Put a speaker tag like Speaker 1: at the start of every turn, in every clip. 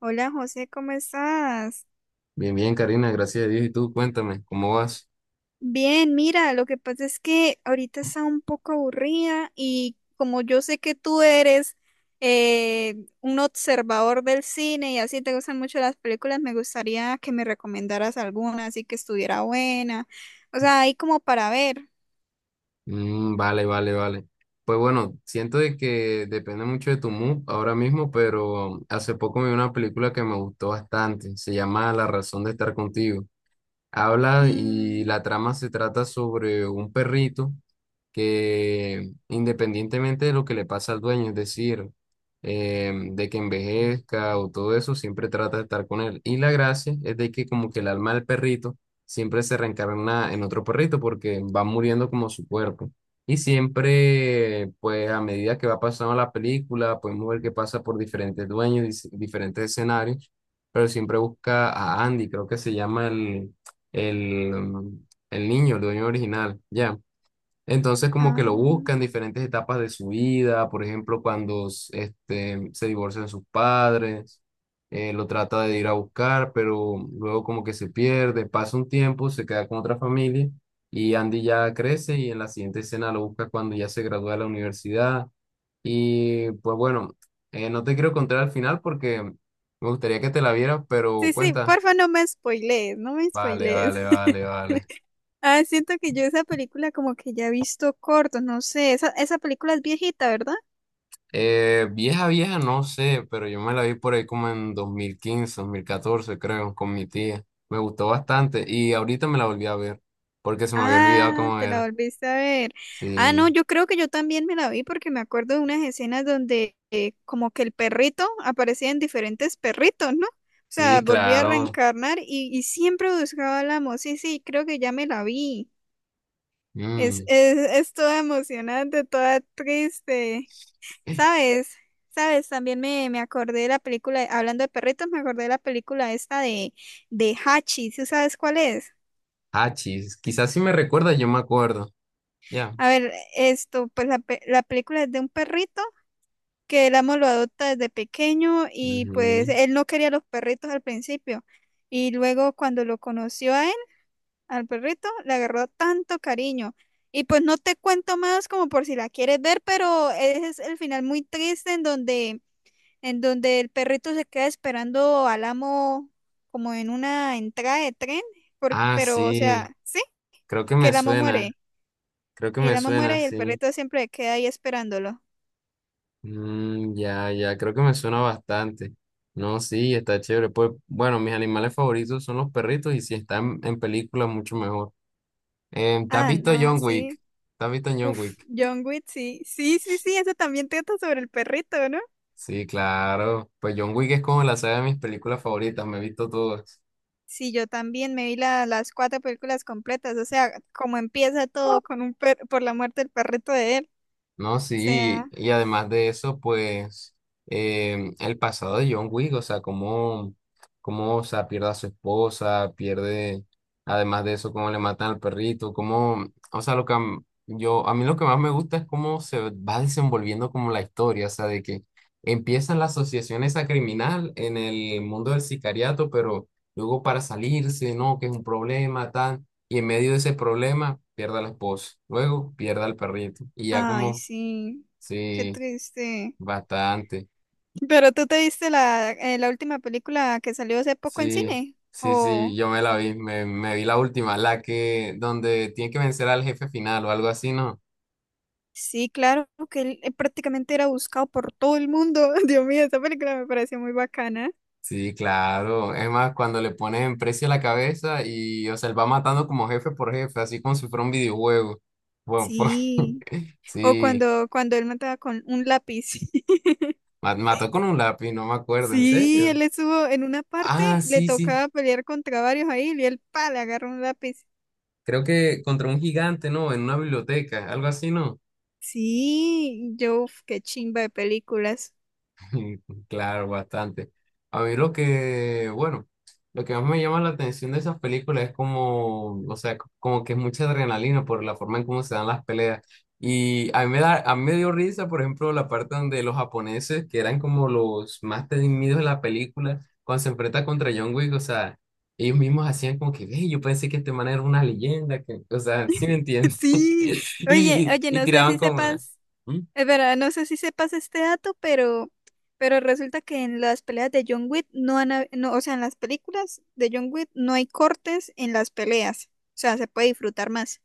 Speaker 1: Hola José, ¿cómo estás?
Speaker 2: Bien, bien, Karina, gracias a Dios. Y tú, cuéntame, ¿cómo vas?
Speaker 1: Bien, mira, lo que pasa es que ahorita está un poco aburrida y como yo sé que tú eres eh, un observador del cine y así te gustan mucho las películas, me gustaría que me recomendaras alguna, así que estuviera buena, o sea, ahí como para ver.
Speaker 2: Mm, vale, vale, vale. Pues bueno, siento de que depende mucho de tu mood ahora mismo, pero hace poco vi una película que me gustó bastante. Se llama La razón de estar contigo. Habla y
Speaker 1: Mm,
Speaker 2: la trama se trata sobre un perrito que independientemente de lo que le pasa al dueño, es decir, de que envejezca o todo eso, siempre trata de estar con él. Y la gracia es de que como que el alma del perrito siempre se reencarna en otro perrito porque va muriendo como su cuerpo. Y siempre, pues a medida que va pasando la película, podemos ver que pasa por diferentes dueños, diferentes escenarios, pero siempre busca a Andy, creo que se llama el, el, mm, el niño, el dueño original, ya. Entonces como que lo
Speaker 1: ah,
Speaker 2: buscan en diferentes etapas de su vida, por ejemplo, cuando se divorcian sus padres, lo trata de ir a buscar, pero luego como que se pierde, pasa un tiempo, se queda con otra familia y Andy ya crece y en la siguiente escena lo busca cuando ya se gradúa de la universidad. Y pues bueno, no te quiero contar al final porque me gustaría que te la vieras, pero
Speaker 1: sí, sí,
Speaker 2: cuenta.
Speaker 1: porfa, no me spoilees, no me
Speaker 2: Vale,
Speaker 1: spoilees.
Speaker 2: vale, vale, vale.
Speaker 1: Ah, siento que yo esa película como que ya he visto cortos, no sé, esa película es viejita, ¿verdad?
Speaker 2: Vieja, vieja, no sé, pero yo me la vi por ahí como en 2015 2014 creo, con mi tía. Me gustó bastante y ahorita me la volví a ver porque se me había olvidado
Speaker 1: Ah,
Speaker 2: cómo
Speaker 1: te la
Speaker 2: era.
Speaker 1: volviste a ver. Ah, no,
Speaker 2: Sí,
Speaker 1: yo creo que yo también me la vi porque me acuerdo de unas escenas donde como que el perrito aparecía en diferentes perritos, ¿no? O sea,
Speaker 2: sí,
Speaker 1: volvía a
Speaker 2: claro.
Speaker 1: reencarnar y siempre buscaba al amo. Sí, sí, creo que ya me la vi. Es,
Speaker 2: Mm.
Speaker 1: es, es toda emocionante, toda triste. ¿Sabes? ¿Sabes? También me acordé de la película, hablando de perritos, me acordé de la película esta de Hachi. ¿Sí sabes cuál es?
Speaker 2: Hachis, quizás si me recuerda, yo me acuerdo. Ya.
Speaker 1: A ver, esto, pues la película es de un perrito que el amo lo adopta desde pequeño y pues
Speaker 2: Ujú.
Speaker 1: él no quería los perritos al principio. Y luego cuando lo conoció a él, al perrito, le agarró tanto cariño. Y pues no te cuento más como por si la quieres ver, pero ese es el final muy triste en donde el perrito se queda esperando al amo como en una entrada de tren,
Speaker 2: Ah,
Speaker 1: pero o
Speaker 2: sí,
Speaker 1: sea, sí,
Speaker 2: creo que
Speaker 1: que
Speaker 2: me
Speaker 1: el amo
Speaker 2: suena,
Speaker 1: muere.
Speaker 2: creo que me
Speaker 1: El amo
Speaker 2: suena,
Speaker 1: muere y el
Speaker 2: sí.
Speaker 1: perrito siempre queda ahí esperándolo.
Speaker 2: Mm, ya, ya, creo que me suena bastante. No, sí, está chévere. Pues, bueno, mis animales favoritos son los perritos y si están en películas, mucho mejor. ¿Te has
Speaker 1: Ah,
Speaker 2: visto
Speaker 1: no,
Speaker 2: John Wick?
Speaker 1: sí.
Speaker 2: ¿Te has visto John
Speaker 1: Uf,
Speaker 2: Wick?
Speaker 1: John Wick, sí. Sí, sí, sí, eso también trata sobre el perrito, ¿no?
Speaker 2: Sí, claro. Pues John Wick es como la saga de mis películas favoritas, me he visto todas.
Speaker 1: Sí, yo también me vi las cuatro películas completas, o sea, como empieza todo con un per por la muerte del perrito de él.
Speaker 2: No,
Speaker 1: O sea,
Speaker 2: sí, y además de eso, pues el pasado de John Wick, o sea, cómo, cómo, o sea, pierde a su esposa, pierde, además de eso, cómo le matan al perrito, cómo, o sea, lo que yo, a mí lo que más me gusta es cómo se va desenvolviendo como la historia, o sea, de que empieza la asociación esa criminal en el mundo del sicariato, pero luego para salirse, no, que es un problema, tal y en medio de ese problema pierde a la esposa, luego pierde al perrito y ya
Speaker 1: ay,
Speaker 2: como
Speaker 1: sí, qué
Speaker 2: sí,
Speaker 1: triste.
Speaker 2: bastante.
Speaker 1: Pero tú te viste la, la última película que salió hace poco en
Speaker 2: Sí,
Speaker 1: cine,
Speaker 2: sí, sí,
Speaker 1: o…
Speaker 2: yo me la vi, me vi la última, la que donde tiene que vencer al jefe final o algo así, ¿no?
Speaker 1: Sí, claro, que él prácticamente era buscado por todo el mundo. Dios mío, esa película me pareció muy bacana.
Speaker 2: Sí, claro. Es más, cuando le pones en precio a la cabeza y, o sea, él va matando como jefe por jefe, así como si fuera un videojuego. Bueno,
Speaker 1: Sí. O
Speaker 2: sí,
Speaker 1: cuando él mataba con un lápiz.
Speaker 2: mató con un lápiz, no me acuerdo, ¿en
Speaker 1: Sí,
Speaker 2: serio?
Speaker 1: él estuvo en una parte,
Speaker 2: Ah,
Speaker 1: le
Speaker 2: sí, sí,
Speaker 1: tocaba pelear contra varios ahí y él, pa, le agarró un lápiz.
Speaker 2: creo que contra un gigante, ¿no? En una biblioteca, algo así, ¿no?
Speaker 1: Sí, yo, uf, qué chimba de películas.
Speaker 2: Claro, bastante. A mí lo que, bueno, lo que más me llama la atención de esas películas es como, o sea, como que es mucha adrenalina por la forma en cómo se dan las peleas. Y a mí me da, a mí me dio risa, por ejemplo, la parte donde los japoneses, que eran como los más temidos de la película, cuando se enfrenta contra John Wick, o sea, ellos mismos hacían como que, ve, yo pensé que este man era una leyenda, que, o sea, sí me entiendes.
Speaker 1: Sí,
Speaker 2: Y, y,
Speaker 1: oye,
Speaker 2: y
Speaker 1: no sé
Speaker 2: tiraban
Speaker 1: si
Speaker 2: como,
Speaker 1: sepas,
Speaker 2: "¿Mm?
Speaker 1: es verdad, no sé si sepas este dato, pero resulta que en las peleas de John Wick no, o sea, en las películas de John Wick no hay cortes en las peleas, o sea, se puede disfrutar más.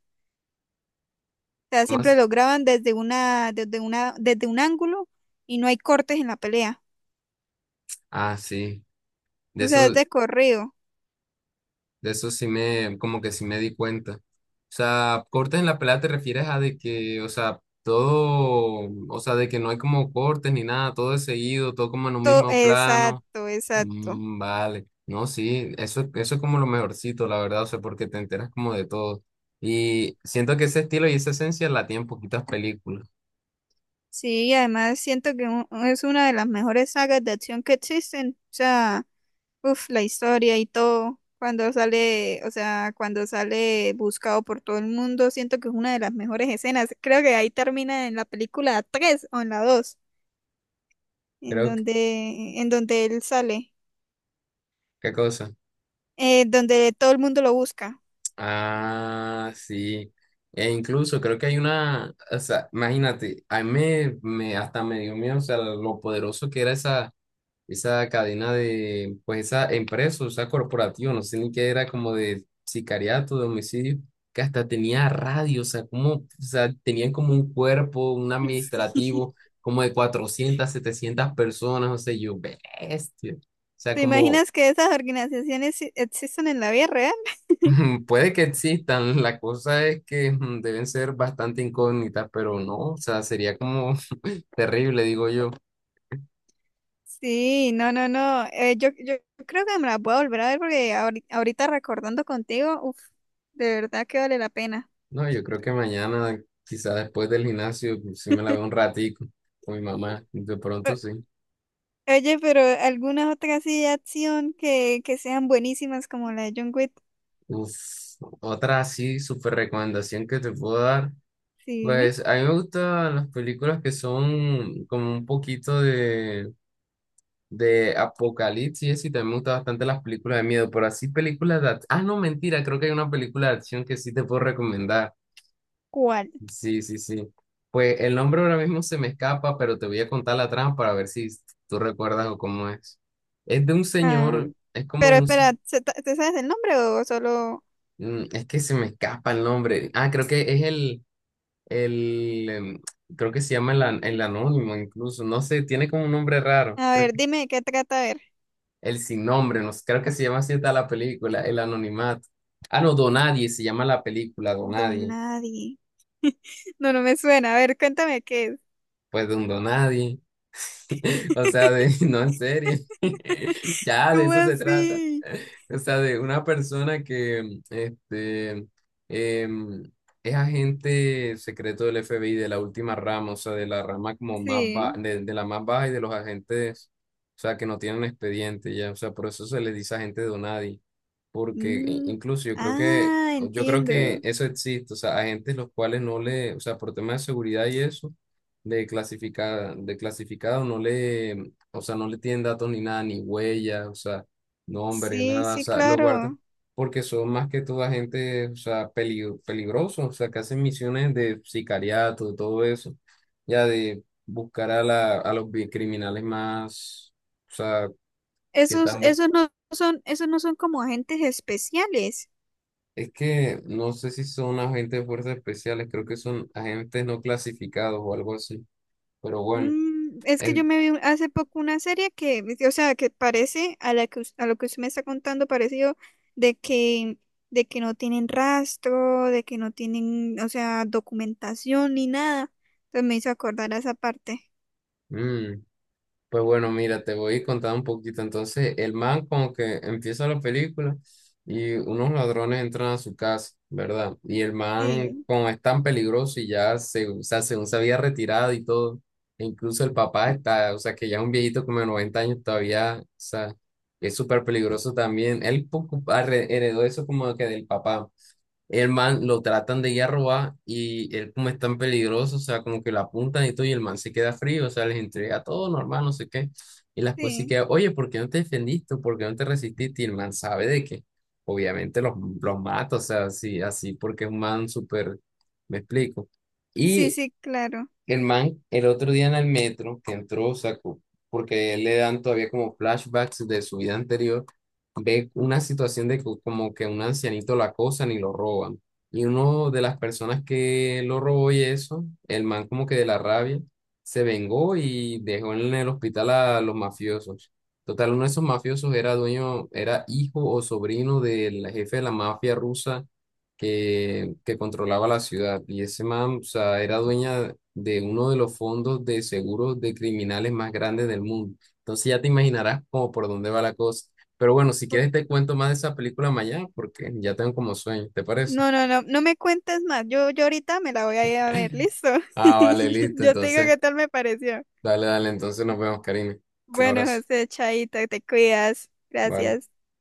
Speaker 1: Sea,
Speaker 2: ¿Cómo
Speaker 1: siempre
Speaker 2: así?
Speaker 1: lo graban desde un ángulo y no hay cortes en la pelea.
Speaker 2: Ah, sí. De
Speaker 1: O sea, es
Speaker 2: eso,
Speaker 1: de corrido.
Speaker 2: De eso sí me, como que sí me di cuenta. O sea, cortes en la pelea te refieres a de que, o sea, todo, o sea, de que no hay como cortes ni nada, todo es seguido, todo como en un mismo plano.
Speaker 1: Exacto, exacto.
Speaker 2: Mm, vale, no, sí, eso es como lo mejorcito, la verdad, o sea, porque te enteras como de todo. Y siento que ese estilo y esa esencia la tienen poquitas películas.
Speaker 1: Sí, y además siento que es una de las mejores sagas de acción que existen. O sea, uff, la historia y todo. Cuando sale, o sea, cuando sale buscado por todo el mundo, siento que es una de las mejores escenas. Creo que ahí termina en la película 3 o en la 2
Speaker 2: Creo que,
Speaker 1: en donde él sale.
Speaker 2: ¿qué cosa?
Speaker 1: Eh, donde todo el mundo lo busca.
Speaker 2: Ah, sí. E incluso creo que hay una, o sea, imagínate, a mí hasta me dio miedo, o sea, lo poderoso que era esa, esa cadena de, pues esa empresa, o sea, corporativa, no sé ni qué era, como de sicariato, de homicidio, que hasta tenía radio, o sea, como, o sea, tenían como un cuerpo, un
Speaker 1: Sí.
Speaker 2: administrativo, como de 400 700 personas, o sea, yo, bestia. O sea,
Speaker 1: ¿Te
Speaker 2: como,
Speaker 1: imaginas que esas organizaciones existen en la vida real?
Speaker 2: mm, puede que existan, la cosa es que deben ser bastante incógnitas, pero no, o sea, sería como terrible, digo yo.
Speaker 1: Sí, no, no, no. Yo creo que me las voy a volver a ver porque ahorita recordando contigo, uf, de verdad que vale la pena.
Speaker 2: No, yo creo que mañana, quizá después del gimnasio, si me la veo un ratico con mi mamá, de
Speaker 1: O-
Speaker 2: pronto sí.
Speaker 1: oye, pero algunas otras así de acción que sean buenísimas como la de John Wick,
Speaker 2: Uf, otra así, súper recomendación que te puedo dar.
Speaker 1: sí, dime.
Speaker 2: Pues a mí me gustan las películas que son como un poquito de Apocalipsis y también me gustan bastante las películas de miedo, pero así películas de... ah, no, mentira, creo que hay una película de acción que sí te puedo recomendar.
Speaker 1: ¿Cuál?
Speaker 2: Sí, sí, sí. Pues el nombre ahora mismo se me escapa, pero te voy a contar la trama para ver si tú recuerdas o cómo es. Es de un
Speaker 1: Ah.
Speaker 2: señor, es como de
Speaker 1: Pero
Speaker 2: un...
Speaker 1: espera, ¿se ta- ¿te sabes el nombre o solo…?
Speaker 2: es que se me escapa el nombre. Ah, creo que es el... el em, creo que se llama el, el anónimo incluso. No sé, tiene como un nombre raro.
Speaker 1: A
Speaker 2: Creo
Speaker 1: ver, dime de qué trata, a ver.
Speaker 2: el sin nombre, no sé, creo que se llama así está la película, El Anonimato. Ah, no, Donadie se llama la película, Donadie.
Speaker 1: Donadi. No, no me suena. A ver, cuéntame qué es.
Speaker 2: Pues de un Donadie. O sea, de, no, en serio. Ya, de
Speaker 1: ¿Cómo
Speaker 2: eso se trata.
Speaker 1: así?
Speaker 2: O sea, de una persona que em, es agente secreto del FBI, de la última rama, o sea, de la rama como más
Speaker 1: Sí.
Speaker 2: baja, de la más baja y de los agentes, o sea, que no tienen expediente, ya. O sea, por eso se les dice agente Donadi, porque
Speaker 1: Mm,
Speaker 2: incluso
Speaker 1: ah,
Speaker 2: yo creo que
Speaker 1: entiendo.
Speaker 2: eso existe, o sea, agentes los cuales no le, o sea, por temas de seguridad y eso de clasificada, de clasificado no le, o sea, no le tienen datos ni nada, ni huellas, o sea, nombre,
Speaker 1: Sí,
Speaker 2: nada, o
Speaker 1: sí,
Speaker 2: sea, lo guardan
Speaker 1: claro.
Speaker 2: porque son más que toda gente, o sea, peligro, peligroso, o sea, que hacen misiones de sicariato, todo eso, ya de buscar a la, a los criminales más, o sea, que
Speaker 1: Esos,
Speaker 2: están
Speaker 1: esos no son como agentes especiales.
Speaker 2: es que no sé si son agentes de fuerzas especiales, creo que son agentes no clasificados o algo así, pero bueno,
Speaker 1: Mm, es que yo
Speaker 2: en,
Speaker 1: me vi hace poco una serie que, o sea, que parece a la que a lo que usted me está contando parecido de que de que no tienen rastro, de que no tienen, o sea, documentación ni nada. Entonces me hizo acordar a esa parte.
Speaker 2: mm, pues bueno, mira, te voy a contar un poquito. Entonces, el man como que empieza la película y unos ladrones entran a su casa, ¿verdad? Y el man
Speaker 1: Sí,
Speaker 2: como es tan peligroso y ya se, o sea, según se había retirado y todo, e incluso el papá está, o sea, que ya es un viejito como de 90 años todavía, o sea, es súper peligroso también. Él heredó eso como que del papá. El man lo tratan de ir a robar y él como es tan peligroso, o sea, como que lo apuntan y todo, y el man se queda frío, o sea, les entrega todo normal, no sé qué. Y la esposa sí
Speaker 1: sí,
Speaker 2: queda, oye, ¿por qué no te defendiste? ¿Por qué no te resististe? Y el man sabe de que obviamente los mata, o sea, así, así porque es un man súper, me explico.
Speaker 1: sí,
Speaker 2: Y
Speaker 1: sí, claro.
Speaker 2: el man, el otro día en el metro que entró, sacó, porque él le dan todavía como flashbacks de su vida anterior, ve una situación de como que un ancianito lo acosan y lo roban. Y uno de las personas que lo robó y eso, el man como que de la rabia, se vengó y dejó en el hospital a los mafiosos. Total, uno de esos mafiosos era dueño, era hijo o sobrino del jefe de la mafia rusa que controlaba la ciudad. Y ese man, o sea, era dueña de uno de los fondos de seguros de criminales más grandes del mundo. Entonces ya te imaginarás como por dónde va la cosa. Pero bueno, si
Speaker 1: O-
Speaker 2: quieres te cuento más de esa película mañana porque ya tengo como sueño, ¿te parece?
Speaker 1: no, no, no, no me cuentes más. Yo ahorita me la voy a ir a ver, ¿listo?
Speaker 2: Ah, vale, listo.
Speaker 1: Yo te digo
Speaker 2: Entonces,
Speaker 1: qué tal me pareció.
Speaker 2: dale, dale. Entonces nos vemos, Karina. Un
Speaker 1: Bueno,
Speaker 2: abrazo.
Speaker 1: José, Chaita, te cuidas.
Speaker 2: Vale.
Speaker 1: Gracias.